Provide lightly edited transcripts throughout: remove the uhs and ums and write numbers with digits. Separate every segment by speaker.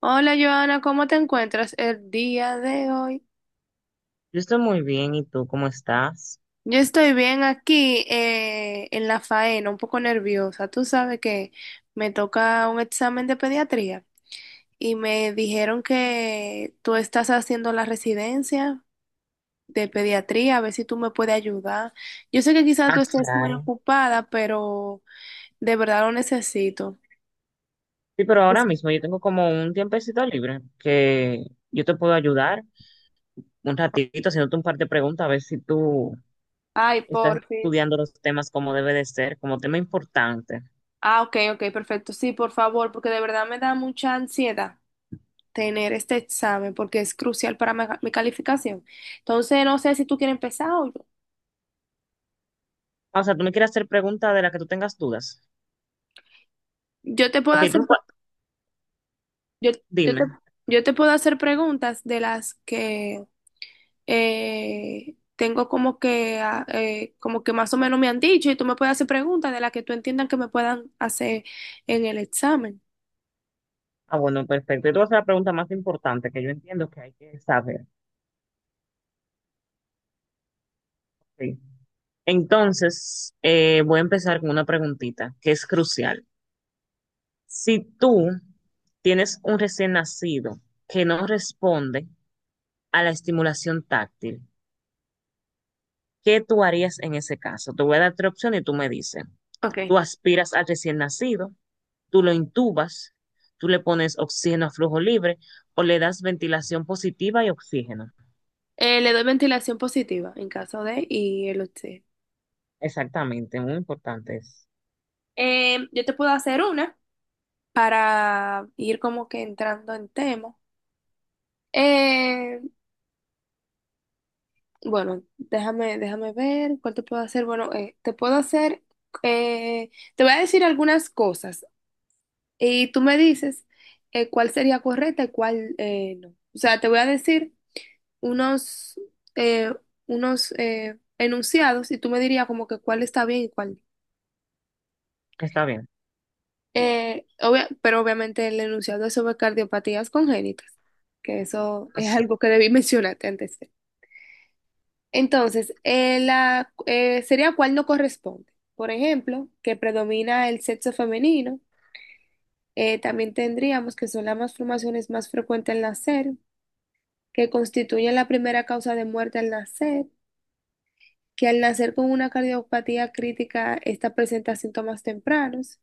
Speaker 1: Hola Joana, ¿cómo te encuentras el día de hoy?
Speaker 2: Yo estoy muy bien, ¿y tú cómo estás?
Speaker 1: Yo estoy bien aquí en la faena, un poco nerviosa. Tú sabes que me toca un examen de pediatría y me dijeron que tú estás haciendo la residencia de pediatría, a ver si tú me puedes ayudar. Yo sé que quizás
Speaker 2: Ah,
Speaker 1: tú estés muy
Speaker 2: claro.
Speaker 1: ocupada, pero de verdad lo necesito.
Speaker 2: Sí, pero ahora mismo yo tengo como un tiempecito libre que yo te puedo ayudar un ratito haciéndote un par de preguntas a ver si tú
Speaker 1: Ay,
Speaker 2: estás
Speaker 1: porfis.
Speaker 2: estudiando los temas como debe de ser, como tema importante.
Speaker 1: Ah, ok, ok, perfecto. Sí, por favor, porque de verdad me da mucha ansiedad tener este examen porque es crucial para mi calificación. Entonces, no sé si tú quieres empezar o yo.
Speaker 2: Ah, o sea, tú me quieres hacer preguntas de las que tú tengas dudas.
Speaker 1: Yo te puedo
Speaker 2: Ok,
Speaker 1: hacer, yo, yo te,
Speaker 2: dime.
Speaker 1: yo te puedo hacer preguntas de las que tengo como que, como que más o menos me han dicho y tú me puedes hacer preguntas de las que tú entiendas que me puedan hacer en el examen.
Speaker 2: Ah, bueno, perfecto. Yo te voy a hacer la pregunta más importante que yo entiendo que hay que saber. Sí. Entonces, voy a empezar con una preguntita que es crucial. Si tú tienes un recién nacido que no responde a la estimulación táctil, ¿qué tú harías en ese caso? Te voy a dar tres opciones y tú me dices.
Speaker 1: Ok.
Speaker 2: Tú aspiras al recién nacido, tú lo intubas, tú le pones oxígeno a flujo libre o le das ventilación positiva y oxígeno.
Speaker 1: Le doy ventilación positiva en caso de y el usted.
Speaker 2: Exactamente, muy importante es.
Speaker 1: Yo te puedo hacer una para ir como que entrando en tema. Eh, Bueno, déjame ver cuál te puedo hacer. Bueno, te puedo hacer, eh, te voy a decir algunas cosas y tú me dices cuál sería correcta y cuál no. O sea, te voy a decir unos, eh, unos enunciados y tú me dirías como que cuál está bien y cuál no.
Speaker 2: Está bien.
Speaker 1: Pero obviamente el enunciado es sobre cardiopatías congénitas, que eso es
Speaker 2: Así.
Speaker 1: algo que debí mencionarte antes. Entonces, sería cuál no corresponde. Por ejemplo, que predomina el sexo femenino. También tendríamos que son las malformaciones más frecuentes al nacer, que constituyen la primera causa de muerte al nacer, que al nacer con una cardiopatía crítica, esta presenta síntomas tempranos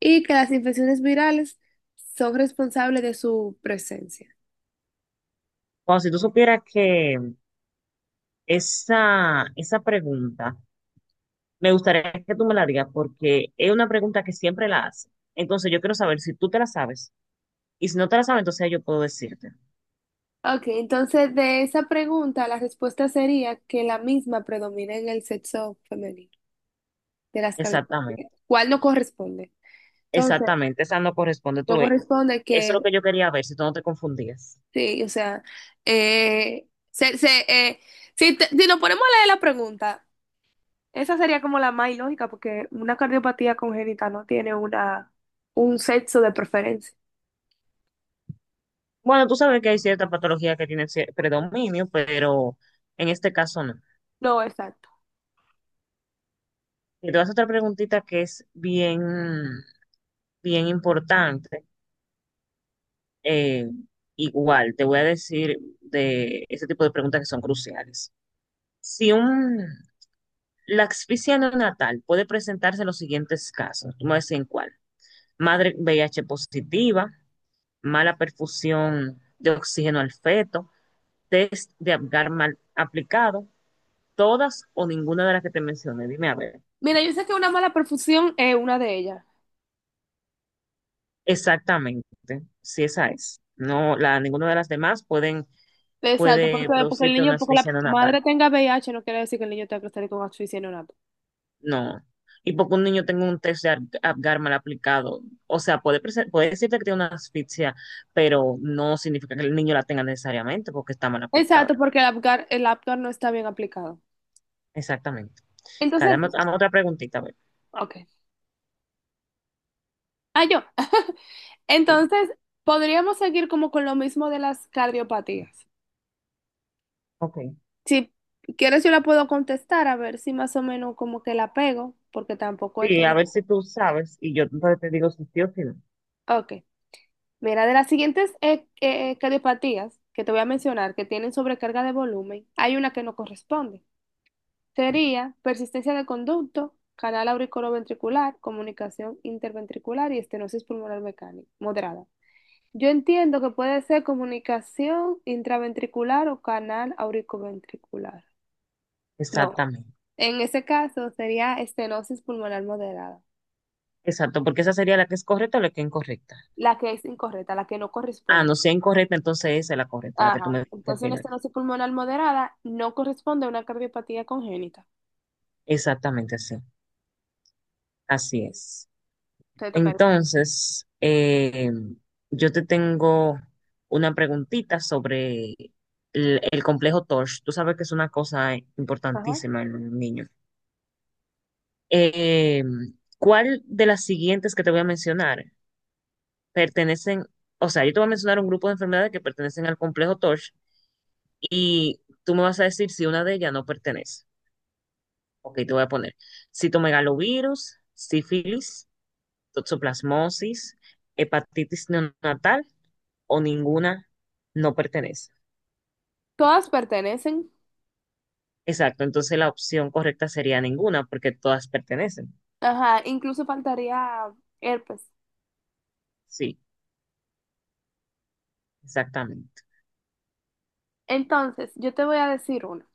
Speaker 1: y que las infecciones virales son responsables de su presencia.
Speaker 2: Bueno, si tú supieras que esa pregunta. Me gustaría que tú me la digas porque es una pregunta que siempre la hace. Entonces yo quiero saber si tú te la sabes. Y si no te la sabes, entonces yo puedo decirte.
Speaker 1: Ok, entonces de esa pregunta la respuesta sería que la misma predomina en el sexo femenino. De las
Speaker 2: Exactamente,
Speaker 1: cavidades, ¿cuál no corresponde? Entonces,
Speaker 2: exactamente. Esa no corresponde, tú
Speaker 1: no
Speaker 2: ves.
Speaker 1: corresponde
Speaker 2: Eso
Speaker 1: que,
Speaker 2: es lo que yo quería ver, si tú no te confundías.
Speaker 1: sí, o sea, eh, se, se, eh, si, si nos ponemos a leer la pregunta, esa sería como la más ilógica, porque una cardiopatía congénita no tiene una, un sexo de preferencia.
Speaker 2: Bueno, tú sabes que hay ciertas patologías que tienen predominio, pero en este caso no.
Speaker 1: No, exacto.
Speaker 2: Y te voy a hacer otra preguntita que es bien, bien importante. Eh, Igual, te voy a decir de ese tipo de preguntas que son cruciales. Si un, La asfixia neonatal puede presentarse en los siguientes casos. Tú me decís en cuál. Madre VIH positiva, mala perfusión de oxígeno al feto, test de Apgar mal aplicado, todas o ninguna de las que te mencioné. Dime a ver
Speaker 1: Mira, yo sé que una mala perfusión es una de ellas.
Speaker 2: exactamente si esa es. No, ninguna de las demás pueden,
Speaker 1: Exacto,
Speaker 2: puede
Speaker 1: porque el
Speaker 2: producirte
Speaker 1: niño,
Speaker 2: una
Speaker 1: porque la
Speaker 2: asfixia neonatal.
Speaker 1: madre tenga VIH no quiere decir que el niño tenga que salir con asfixia neonatal.
Speaker 2: No. Y porque un niño tenga un test de Apgar mal aplicado, o sea, puede decirte que tiene una asfixia, pero no significa que el niño la tenga necesariamente porque está mal aplicado.
Speaker 1: Exacto, porque el Apgar no está bien aplicado.
Speaker 2: Exactamente. Dale,
Speaker 1: Entonces,
Speaker 2: dame, dame otra preguntita, a ver.
Speaker 1: ok. Ah, yo.
Speaker 2: Sí,
Speaker 1: Entonces, podríamos seguir como con lo mismo de las cardiopatías.
Speaker 2: ok.
Speaker 1: Si quieres, yo la puedo contestar a ver si más o menos como que la pego, porque tampoco hay
Speaker 2: Sí,
Speaker 1: que
Speaker 2: a
Speaker 1: no.
Speaker 2: ver si tú sabes y yo entonces te digo si sí o si no.
Speaker 1: Ok. Mira, de las siguientes cardiopatías que te voy a mencionar que tienen sobrecarga de volumen, hay una que no corresponde. Sería persistencia de conducto, canal auriculoventricular, comunicación interventricular y estenosis pulmonar mecánica moderada. Yo entiendo que puede ser comunicación intraventricular o canal auriculoventricular. No,
Speaker 2: Exactamente.
Speaker 1: en ese caso sería estenosis pulmonar moderada,
Speaker 2: Exacto, porque esa sería la que es correcta o la que es incorrecta.
Speaker 1: la que es incorrecta, la que no
Speaker 2: Ah,
Speaker 1: corresponde.
Speaker 2: no, si es incorrecta, entonces esa es la correcta, la que tú me
Speaker 1: Ajá,
Speaker 2: dijiste al
Speaker 1: entonces una
Speaker 2: final.
Speaker 1: estenosis pulmonar moderada no corresponde a una cardiopatía congénita.
Speaker 2: Exactamente, sí. Así es.
Speaker 1: Te tocaría.
Speaker 2: Entonces, yo te tengo una preguntita sobre el complejo TORCH. Tú sabes que es una cosa
Speaker 1: Ajá.
Speaker 2: importantísima en un niño. Eh, ¿Cuál de las siguientes que te voy a mencionar pertenecen? O sea, yo te voy a mencionar un grupo de enfermedades que pertenecen al complejo TORCH y tú me vas a decir si una de ellas no pertenece. Ok, te voy a poner citomegalovirus, sífilis, toxoplasmosis, hepatitis neonatal o ninguna no pertenece.
Speaker 1: Todas pertenecen.
Speaker 2: Exacto, entonces la opción correcta sería ninguna, porque todas pertenecen.
Speaker 1: Ajá, incluso faltaría herpes.
Speaker 2: Sí, exactamente.
Speaker 1: Entonces, yo te voy a decir una.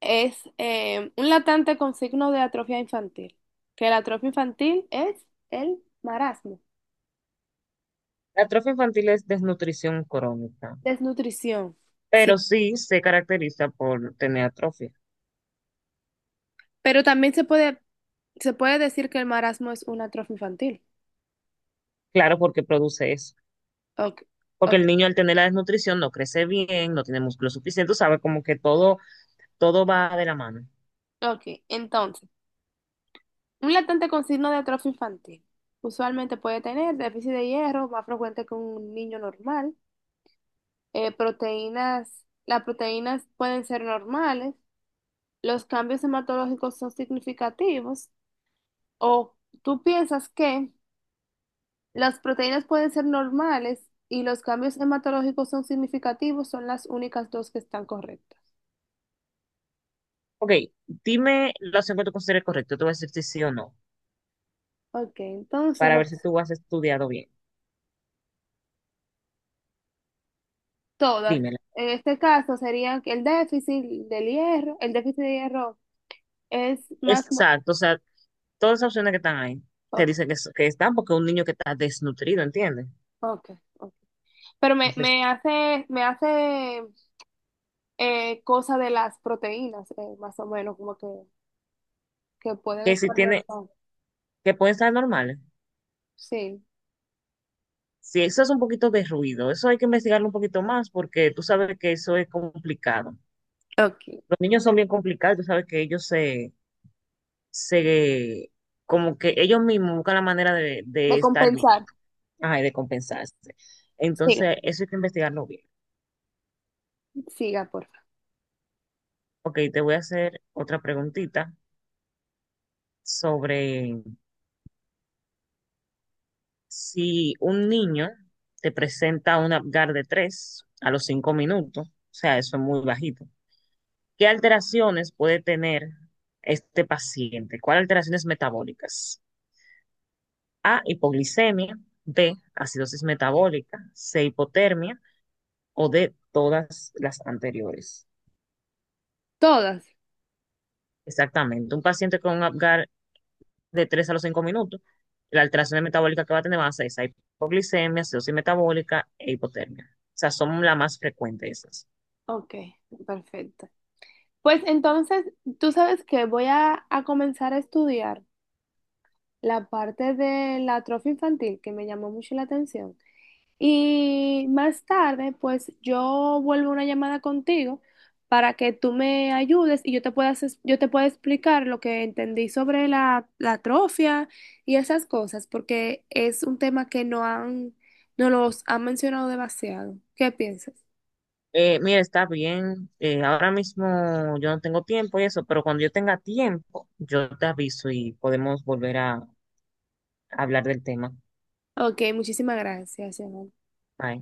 Speaker 1: Es un latente con signo de atrofia infantil, que la atrofia infantil es el marasmo,
Speaker 2: La atrofia infantil es desnutrición crónica,
Speaker 1: desnutrición,
Speaker 2: pero
Speaker 1: sí.
Speaker 2: sí se caracteriza por tener atrofia.
Speaker 1: Pero también se puede decir que el marasmo es una atrofia infantil.
Speaker 2: Claro, porque produce eso.
Speaker 1: Ok,
Speaker 2: Porque
Speaker 1: ok,
Speaker 2: el niño al tener la desnutrición no crece bien, no tiene músculo suficiente, sabe como que todo, todo va de la mano.
Speaker 1: ok. Entonces, un latente con signo de atrofia infantil usualmente puede tener déficit de hierro, más frecuente que un niño normal, las proteínas pueden ser normales, los cambios hematológicos son significativos. O tú piensas que las proteínas pueden ser normales y los cambios hematológicos son significativos, son las únicas dos que están correctas.
Speaker 2: Ok, dime la opción que tú consideres correcta, te voy a decir si sí o no,
Speaker 1: Ok, entonces
Speaker 2: para ver si tú has estudiado bien.
Speaker 1: todas.
Speaker 2: Dímela.
Speaker 1: En este caso serían que el déficit del hierro, el déficit de hierro es más
Speaker 2: Exacto, o sea, todas esas opciones que están ahí, te
Speaker 1: ok,
Speaker 2: dicen que, que están porque un niño que está desnutrido, ¿entiendes?
Speaker 1: ok, ok. Pero
Speaker 2: Entonces,
Speaker 1: me hace cosa de las proteínas, más o menos, como que pueden
Speaker 2: que si
Speaker 1: estar
Speaker 2: tiene,
Speaker 1: normales.
Speaker 2: que pueden estar normales.
Speaker 1: Sí,
Speaker 2: Si eso es un poquito de ruido, eso hay que investigarlo un poquito más porque tú sabes que eso es complicado.
Speaker 1: ok.
Speaker 2: Los niños son bien complicados, tú sabes que se, como que ellos mismos buscan la manera de,
Speaker 1: De
Speaker 2: de estar bien,
Speaker 1: compensar.
Speaker 2: ajá, y de compensarse.
Speaker 1: Sí.
Speaker 2: Entonces, eso hay que investigarlo bien.
Speaker 1: Siga, porfa.
Speaker 2: Ok, te voy a hacer otra preguntita sobre. Si un niño te presenta un Apgar de 3 a los 5 minutos, o sea, eso es muy bajito, ¿qué alteraciones puede tener este paciente? ¿Cuáles alteraciones metabólicas? A, hipoglicemia, B, acidosis metabólica, C, hipotermia o D, todas las anteriores.
Speaker 1: Todas.
Speaker 2: Exactamente, un paciente con un Apgar de 3 a los 5 minutos, la alteración metabólica que va a tener va a ser esa, hipoglicemia, acidosis metabólica e hipotermia. O sea, son las más frecuentes esas.
Speaker 1: Ok, perfecto. Pues entonces, tú sabes que voy a comenzar a estudiar la parte de la atrofia infantil que me llamó mucho la atención. Y más tarde, pues yo vuelvo a una llamada contigo para que tú me ayudes y yo te pueda, yo te pueda explicar lo que entendí sobre la atrofia y esas cosas, porque es un tema que no los han mencionado demasiado. ¿Qué piensas?
Speaker 2: Mira, está bien. Ahora mismo yo no tengo tiempo y eso, pero cuando yo tenga tiempo, yo te aviso y podemos volver a hablar del tema.
Speaker 1: Ok, muchísimas gracias, Emanuel.
Speaker 2: Bye.